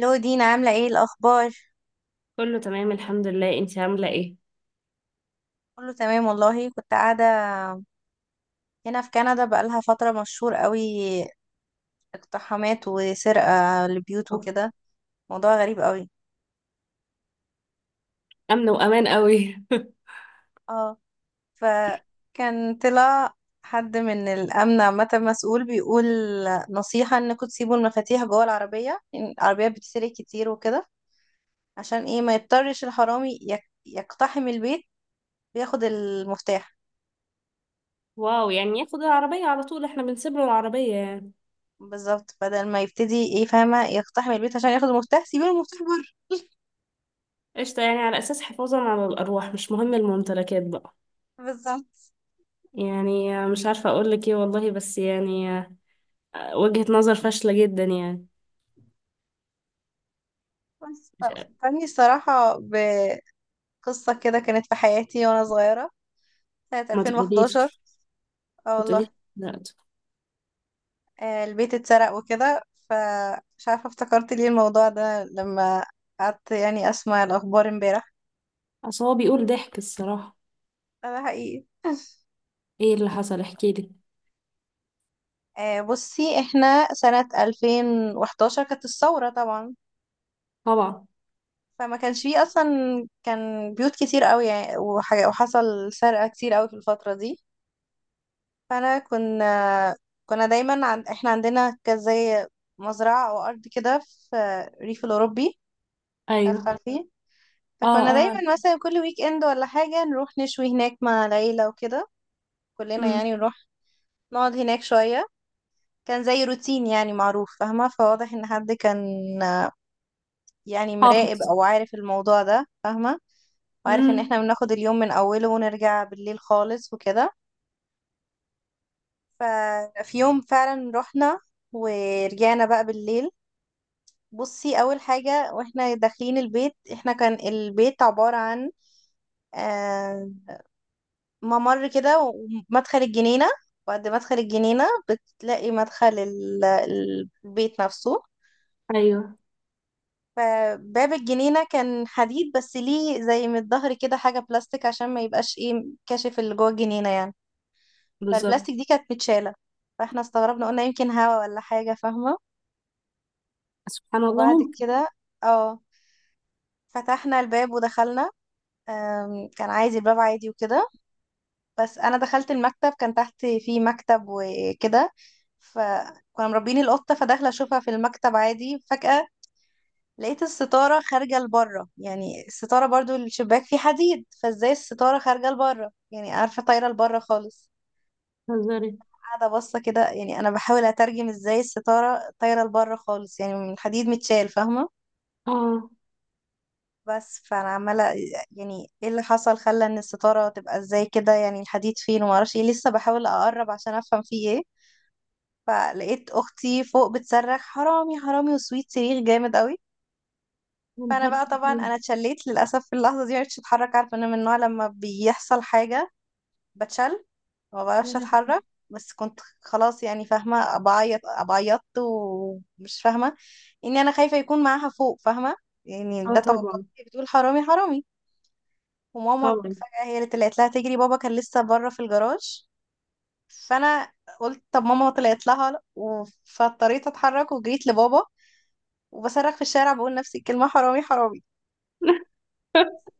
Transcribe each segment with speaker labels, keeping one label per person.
Speaker 1: لو دينا عاملة ايه الأخبار؟
Speaker 2: كله تمام الحمد لله، انتي عاملة ايه؟
Speaker 1: كله تمام والله كنت قاعدة هنا في كندا بقالها فترة مشهور قوي، اقتحامات وسرقة لبيوت
Speaker 2: أوه.
Speaker 1: وكده. موضوع غريب قوي.
Speaker 2: أمن وأمان قوي
Speaker 1: اه، فكان طلع حد من الأمن عامة مسؤول بيقول نصيحة انكم تسيبوا المفاتيح جوه العربية، إن العربية بتسرق كتير وكده، عشان ايه ما يضطرش الحرامي يقتحم البيت وياخد المفتاح.
Speaker 2: واو، يعني ياخد العربية على طول، احنا بنسيب له العربية يعني.
Speaker 1: بالظبط، بدل ما يبتدي ايه فاهمة يقتحم البيت عشان ياخد المفتاح سيبوا المفتاح.
Speaker 2: قشطة، يعني على أساس حفاظا على الأرواح، مش مهم الممتلكات بقى.
Speaker 1: بالظبط.
Speaker 2: يعني مش عارفة أقولك ايه والله، بس يعني وجهة نظر فاشلة جدا يعني.
Speaker 1: بس
Speaker 2: مش.
Speaker 1: فكرني الصراحة بقصة كده كانت في حياتي وأنا صغيرة، سنة
Speaker 2: ما تقوليش
Speaker 1: 2011. اه
Speaker 2: ما تقوليش.
Speaker 1: والله.
Speaker 2: لا.
Speaker 1: البيت اتسرق وكده. فمش عارفة افتكرت ليه الموضوع ده لما قعدت يعني أسمع الأخبار امبارح.
Speaker 2: أصل هو بيقول ضحك الصراحة.
Speaker 1: ده حقيقي.
Speaker 2: ايه اللي حصل احكيلي؟
Speaker 1: بصي احنا سنة 2011 كانت الثورة طبعا.
Speaker 2: طبعا.
Speaker 1: فما كانش فيه أصلا، كان بيوت كتير قوي يعني وحاجة، وحصل سرقة كتير قوي في الفترة دي. فانا كنا دايما احنا عندنا كان زي مزرعه او ارض كده في الريف الاوروبي، مش عارفه
Speaker 2: أيوه.
Speaker 1: عارفين.
Speaker 2: اه
Speaker 1: فكنا
Speaker 2: اه.
Speaker 1: دايما مثلا كل ويك اند ولا حاجه نروح نشوي هناك مع العيله وكده، كلنا
Speaker 2: أمم.
Speaker 1: يعني نروح نقعد هناك شويه. كان زي روتين يعني معروف فاهمه، فواضح ان حد كان، آه، يعني مراقب
Speaker 2: حافظ.
Speaker 1: او عارف الموضوع ده فاهمه، وعارف ان احنا
Speaker 2: امم.
Speaker 1: بناخد اليوم من اوله ونرجع بالليل خالص وكده. ففي يوم فعلا رحنا ورجعنا بقى بالليل. بصي اول حاجه واحنا داخلين البيت، احنا كان البيت عباره عن آه، ممر كده ومدخل الجنينه، بعد مدخل الجنينه بتلاقي مدخل البيت نفسه.
Speaker 2: أيوه.
Speaker 1: فباب الجنينه كان حديد بس ليه زي من الظهر كده حاجه بلاستيك عشان ما يبقاش ايه كاشف اللي جوه الجنينه يعني.
Speaker 2: بالظبط.
Speaker 1: فالبلاستيك دي كانت متشاله، فاحنا استغربنا قلنا يمكن هوا ولا حاجه فاهمه.
Speaker 2: سبحان الله،
Speaker 1: وبعد
Speaker 2: ممكن.
Speaker 1: كده اه فتحنا الباب ودخلنا. كان عايز الباب عادي وكده. بس انا دخلت المكتب كان تحت فيه مكتب وكده، فكنا مربيين القطه فداخله اشوفها في المكتب عادي. فجاه لقيت الستاره خارجه لبره، يعني الستاره برضو الشباك فيه حديد فازاي الستاره خارجه لبره، يعني عارفه طايره لبره خالص.
Speaker 2: تهزري؟
Speaker 1: قاعده باصه كده يعني انا بحاول اترجم ازاي الستاره طايره لبره خالص يعني من الحديد متشال فاهمه.
Speaker 2: اه.
Speaker 1: بس فانا عماله يعني ايه اللي حصل خلى ان الستاره تبقى ازاي كده يعني الحديد فين وما اعرفش ايه لسه بحاول اقرب عشان افهم فيه ايه. فلقيت اختي فوق بتصرخ حرامي حرامي وسويت صريخ جامد قوي.
Speaker 2: يا
Speaker 1: فانا
Speaker 2: نهار
Speaker 1: بقى طبعا انا
Speaker 2: أبيض.
Speaker 1: اتشليت للاسف في اللحظه دي معرفتش اتحرك، عارفه انا من النوع لما بيحصل حاجه بتشل ما
Speaker 2: يا
Speaker 1: بعرفش
Speaker 2: لهوي.
Speaker 1: اتحرك. بس كنت خلاص يعني فاهمه بعيط، بعيطت ومش فاهمه اني انا خايفه يكون معاها فوق فاهمه، يعني
Speaker 2: اه
Speaker 1: ده توقعي.
Speaker 2: طبعا.
Speaker 1: بتقول حرامي حرامي، وماما
Speaker 2: طبعا.
Speaker 1: فجاه هي اللي طلعت لها تجري، بابا كان لسه بره في الجراج. فانا قلت طب ماما طلعت لها فاضطريت اتحرك وجريت لبابا وبصرخ في الشارع بقول نفس الكلمة حرامي حرامي.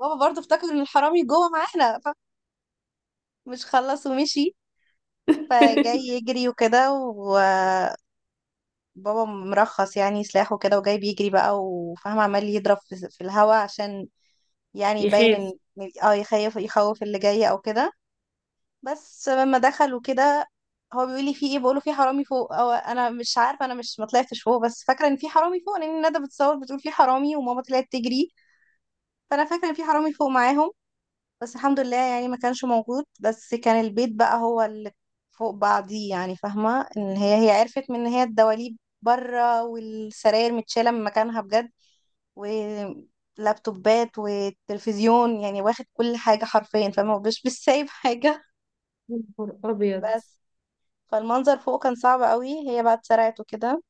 Speaker 1: بابا برضه افتكر ان الحرامي جوه معانا فمش خلص ومشي، فجاي يجري وكده وبابا مرخص يعني سلاحه كده وجاي بيجري بقى وفاهم عمال يضرب في الهوا عشان يعني يبين ان
Speaker 2: يخاف.
Speaker 1: يخيف يخوف اللي جاي او كده. بس لما دخلوا كده هو بيقول لي في ايه، بقوله في حرامي فوق، او انا مش عارفه، انا مش ما طلعتش فوق بس فاكره ان في حرامي فوق لان ندى بتصور بتقول في حرامي وماما طلعت تجري، فانا فاكره ان في حرامي فوق معاهم. بس الحمد لله يعني ما كانش موجود، بس كان البيت بقى هو اللي فوق بعضيه يعني فاهمة ان هي عرفت من ان هي الدواليب بره والسراير متشالة من مكانها بجد ولابتوبات والتلفزيون يعني واخد كل حاجة حرفيا فاهمة مش سايب حاجة.
Speaker 2: يا نهار ابيض.
Speaker 1: بس فالمنظر فوق كان صعب قوي، هي بقى اتسرعت وكده.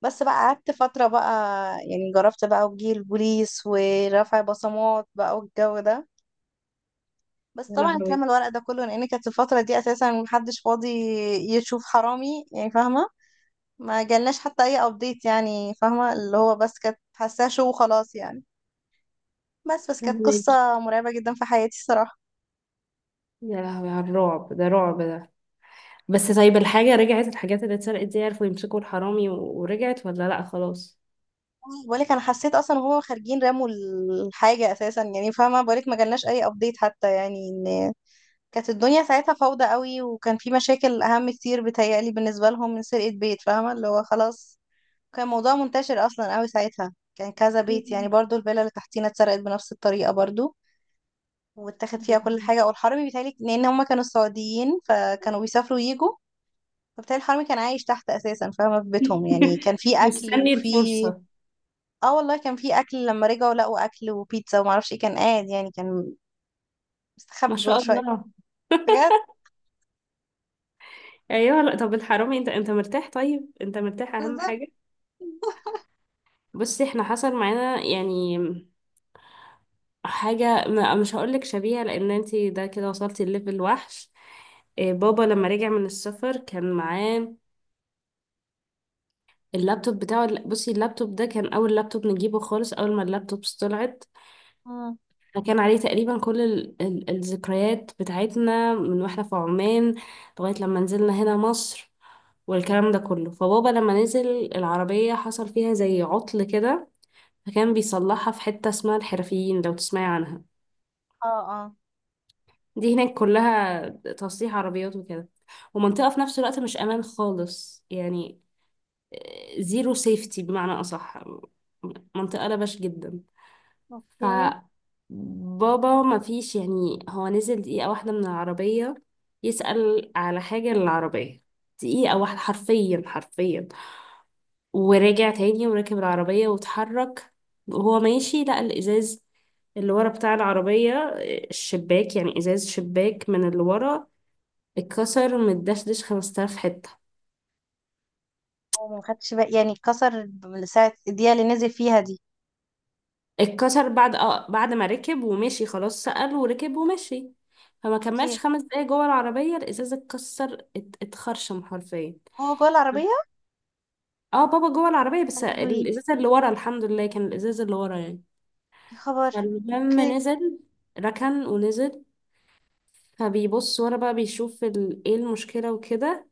Speaker 1: بس بقى قعدت فترة بقى، يعني جربت بقى وجي البوليس ورفع بصمات بقى والجو ده. بس
Speaker 2: يا
Speaker 1: طبعا
Speaker 2: لهوي.
Speaker 1: اترمى الورق ده كله لان كانت الفتره دي اساسا محدش فاضي يشوف حرامي يعني فاهمه. ما جالناش حتى اي ابديت يعني فاهمه اللي هو بس كانت حاساه شو وخلاص يعني. بس كانت
Speaker 2: فهماكي.
Speaker 1: قصه مرعبه جدا في حياتي الصراحه.
Speaker 2: يا لهوي على الرعب ده، رعب ده. بس طيب، الحاجة رجعت؟ الحاجات اللي اتسرقت دي عرفوا يمسكوا الحرامي ورجعت ولا لا خلاص؟
Speaker 1: بقولك انا حسيت اصلا وهما خارجين رموا الحاجه اساسا يعني فاهمه. بقولك ما جالناش اي ابديت حتى يعني ان كانت الدنيا ساعتها فوضى قوي، وكان في مشاكل اهم كتير بتهيألي بالنسبه لهم من سرقه بيت فاهمه اللي هو خلاص. كان موضوع منتشر اصلا قوي ساعتها، كان كذا بيت يعني
Speaker 2: مم.
Speaker 1: برضو، الفيلا اللي تحتينا اتسرقت بنفس الطريقه برضو واتاخد فيها كل حاجه. والحرامي بيتهيألي لان هما كانوا السعوديين فكانوا بيسافروا ويجوا، فبالتالي الحرامي كان عايش تحت اساسا فاهمه في بيتهم يعني كان في اكل
Speaker 2: مستني
Speaker 1: وفي،
Speaker 2: الفرصة.
Speaker 1: اه والله كان في اكل لما رجعوا لقوا اكل وبيتزا وما اعرفش ايه، كان قاعد يعني كان
Speaker 2: ما
Speaker 1: مستخبي جوه
Speaker 2: شاء
Speaker 1: شويه
Speaker 2: الله.
Speaker 1: بجد.
Speaker 2: ايوه. لا طب الحرامي، انت مرتاح، طيب انت مرتاح اهم
Speaker 1: بالظبط.
Speaker 2: حاجة. بصي، احنا حصل معانا يعني حاجة مش هقولك شبيهة، لأن انتي ده كده وصلتي لليفل وحش. إيه، بابا لما رجع من السفر كان معاه اللابتوب بتاعه. بصي، اللابتوب ده كان أول لابتوب نجيبه خالص، أول ما اللابتوبس طلعت.
Speaker 1: مم.
Speaker 2: فكان عليه تقريبا كل ال الذكريات بتاعتنا من واحنا في عمان لغاية لما نزلنا هنا مصر والكلام ده كله. فبابا لما نزل، العربية حصل فيها زي عطل كده، فكان بيصلحها في حتة اسمها الحرفيين، لو تسمعي عنها.
Speaker 1: اه، اه،
Speaker 2: دي هناك كلها تصليح عربيات وكده، ومنطقة في نفس الوقت مش أمان خالص يعني، زيرو سيفتي بمعنى أصح، منطقة لبش جدا. ف
Speaker 1: اوكي.
Speaker 2: بابا ما فيش، يعني هو نزل دقيقة واحدة من العربية يسأل على حاجة للعربية، دقيقة واحدة حرفيا حرفيا، ورجع تاني وركب العربية واتحرك. وهو ماشي لقى الإزاز اللي ورا بتاع العربية، الشباك يعني، إزاز شباك من اللي ورا، اتكسر، متدشدش 5000 حتة.
Speaker 1: وما خدتش بالي يعني كسر من ساعه الدقيقه اللي نزل فيها دي.
Speaker 2: اتكسر بعد، ما ركب ومشي، خلاص سأل وركب ومشي. فما كملش
Speaker 1: اوكي،
Speaker 2: خمس دقايق جوه العربية الإزازة اتكسر، اتخرشم حرفيا.
Speaker 1: هو جوه العربيه.
Speaker 2: اه، بابا جوه العربية بس
Speaker 1: يا لهوي
Speaker 2: الإزازة اللي ورا، الحمد لله كان الإزازة اللي ورا يعني.
Speaker 1: يا خبر،
Speaker 2: فلما
Speaker 1: اوكي.
Speaker 2: نزل، ركن ونزل، فبيبص ورا بقى، بيشوف ايه المشكلة وكده.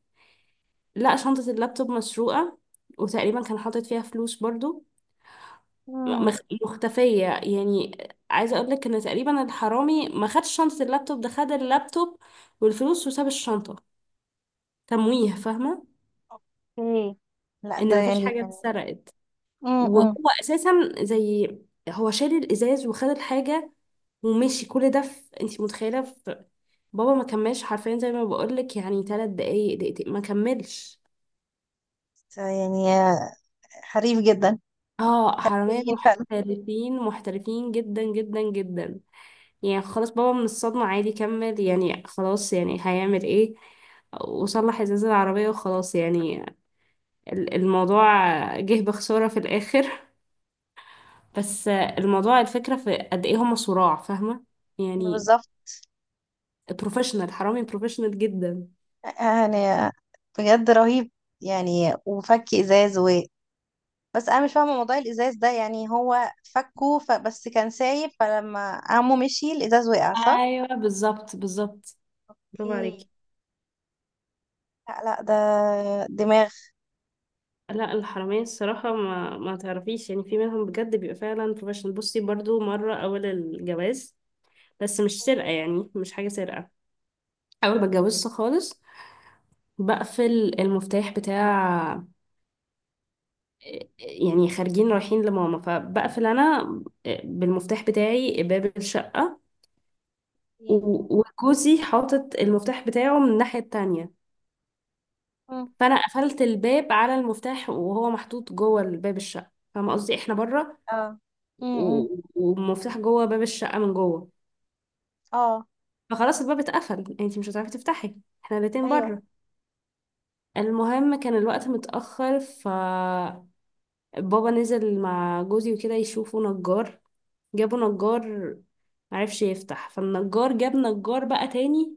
Speaker 2: لقى شنطة اللابتوب مسروقة، وتقريبا كان حاطط فيها فلوس برضو،
Speaker 1: امم.
Speaker 2: مختفية يعني. عايزة اقول لك ان تقريبا الحرامي ما خدش شنطة اللابتوب، ده خد اللابتوب والفلوس وساب الشنطة، تمويه، فاهمة،
Speaker 1: اوكي. لا ده
Speaker 2: ان مفيش
Speaker 1: يعني
Speaker 2: حاجة
Speaker 1: يعني.
Speaker 2: اتسرقت. وهو
Speaker 1: امم.
Speaker 2: اساسا زي، هو شال الازاز وخد الحاجة ومشي، كل ده، في، انت متخيلة، في، بابا ما كملش حرفيا زي ما بقول لك، يعني ثلاث دقايق، دقيقتين ما كملش.
Speaker 1: ده يعني حريف جدا.
Speaker 2: اه، حرامية
Speaker 1: حرفيين فعلا.
Speaker 2: محترفين، محترفين جدا جدا جدا. يعني خلاص بابا من الصدمة عادي كمل، يعني خلاص، يعني هيعمل ايه، وصلح ازاز العربية وخلاص يعني، الموضوع جه بخسارة في الآخر. بس الموضوع الفكرة في قد ايه هما صراع، فاهمة، يعني
Speaker 1: بالظبط.
Speaker 2: بروفيشنال، حرامي بروفيشنال جدا.
Speaker 1: آه، يعني آه، بجد رهيب. يعني وفك ازاز، و بس انا مش فاهمه موضوع الازاز ده، يعني هو فكه بس كان سايب، فلما عمو مشي الازاز وقع صح؟
Speaker 2: ايوه بالظبط بالظبط. برافو
Speaker 1: اوكي.
Speaker 2: عليكي.
Speaker 1: لا لا ده دماغ.
Speaker 2: لا، الحرامية الصراحة ما تعرفيش، يعني في منهم بجد بيبقى فعلا بروفيشنال. بصي، برضو مرة أول الجواز، بس مش سرقة يعني، مش حاجة سرقة، أول ما اتجوزت خالص، بقفل المفتاح بتاع، يعني خارجين رايحين لماما، فبقفل انا بالمفتاح بتاعي باب الشقة،
Speaker 1: أوكي.
Speaker 2: وجوزي حاطط المفتاح بتاعه من الناحية التانية.
Speaker 1: مم.
Speaker 2: فانا قفلت الباب على المفتاح، وهو محطوط جوه الباب، الشقة، فاهمة قصدي، احنا بره
Speaker 1: اه.
Speaker 2: و-
Speaker 1: امم.
Speaker 2: والمفتاح جوه باب الشقة من جوه،
Speaker 1: اه.
Speaker 2: فخلاص الباب اتقفل، انتي مش هتعرفي تفتحي، احنا الاتنين
Speaker 1: ايوه.
Speaker 2: بره. المهم، كان الوقت متأخر، فبابا نزل مع جوزي وكده يشوفوا نجار، جابوا نجار، معرفش يفتح، فالنجار جاب نجار بقى تاني.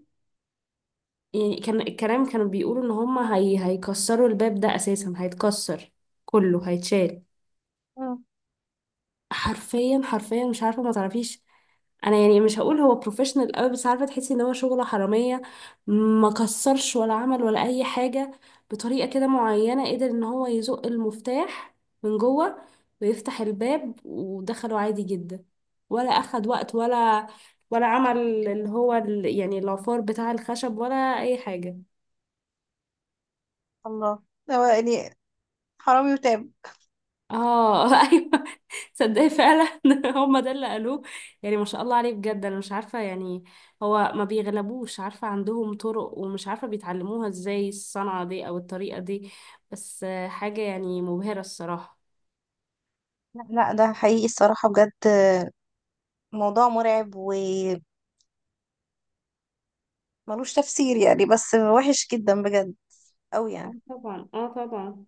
Speaker 2: يعني كان الكلام، كانوا بيقولوا ان هما هيكسروا الباب، ده اساسا هيتكسر، كله هيتشال،
Speaker 1: مم.
Speaker 2: حرفيا حرفيا. مش عارفه، ما تعرفيش، انا يعني مش هقول هو بروفيشنال قوي، بس عارفه تحسي ان هو شغله حراميه. ما كسرش ولا عمل ولا اي حاجه، بطريقه كده معينه قدر ان هو يزق المفتاح من جوه ويفتح الباب، ودخلوا عادي جدا. ولا اخد وقت ولا عمل، اللي هو يعني العفار بتاع الخشب، ولا اي حاجه.
Speaker 1: الله. هو يعني حرامي وتاب.
Speaker 2: اه ايوه، تصدقي فعلا هما ده اللي قالوه. يعني ما شاء الله عليه بجد، انا مش عارفه يعني، هو ما بيغلبوش، عارفه عندهم طرق، ومش عارفه بيتعلموها ازاي الصنعه دي او الطريقه دي. بس حاجه يعني مبهره الصراحه.
Speaker 1: لا لا ده حقيقي الصراحة بجد. موضوع مرعب وملوش تفسير يعني، بس وحش جدا بجد، أوي
Speaker 2: اه
Speaker 1: يعني.
Speaker 2: طبعا، اه طبعا.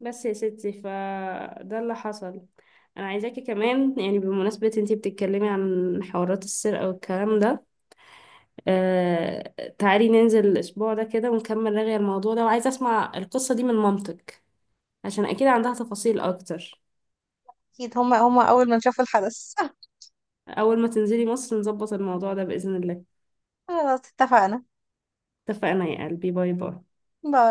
Speaker 2: بس يا ستي فده اللي حصل. انا عايزاكي كمان، يعني بمناسبه انتي بتتكلمي عن حوارات السرقه والكلام ده، آه، تعالي ننزل الأسبوع ده كده ونكمل رغي الموضوع ده، وعايزة أسمع القصة دي من مامتك عشان أكيد عندها تفاصيل أكتر.
Speaker 1: أكيد هما أول ما شافوا الحدث.
Speaker 2: أول ما تنزلي مصر نظبط الموضوع ده بإذن الله.
Speaker 1: خلاص اتفقنا.
Speaker 2: اتفقنا يا قلبي، باي باي.
Speaker 1: باي.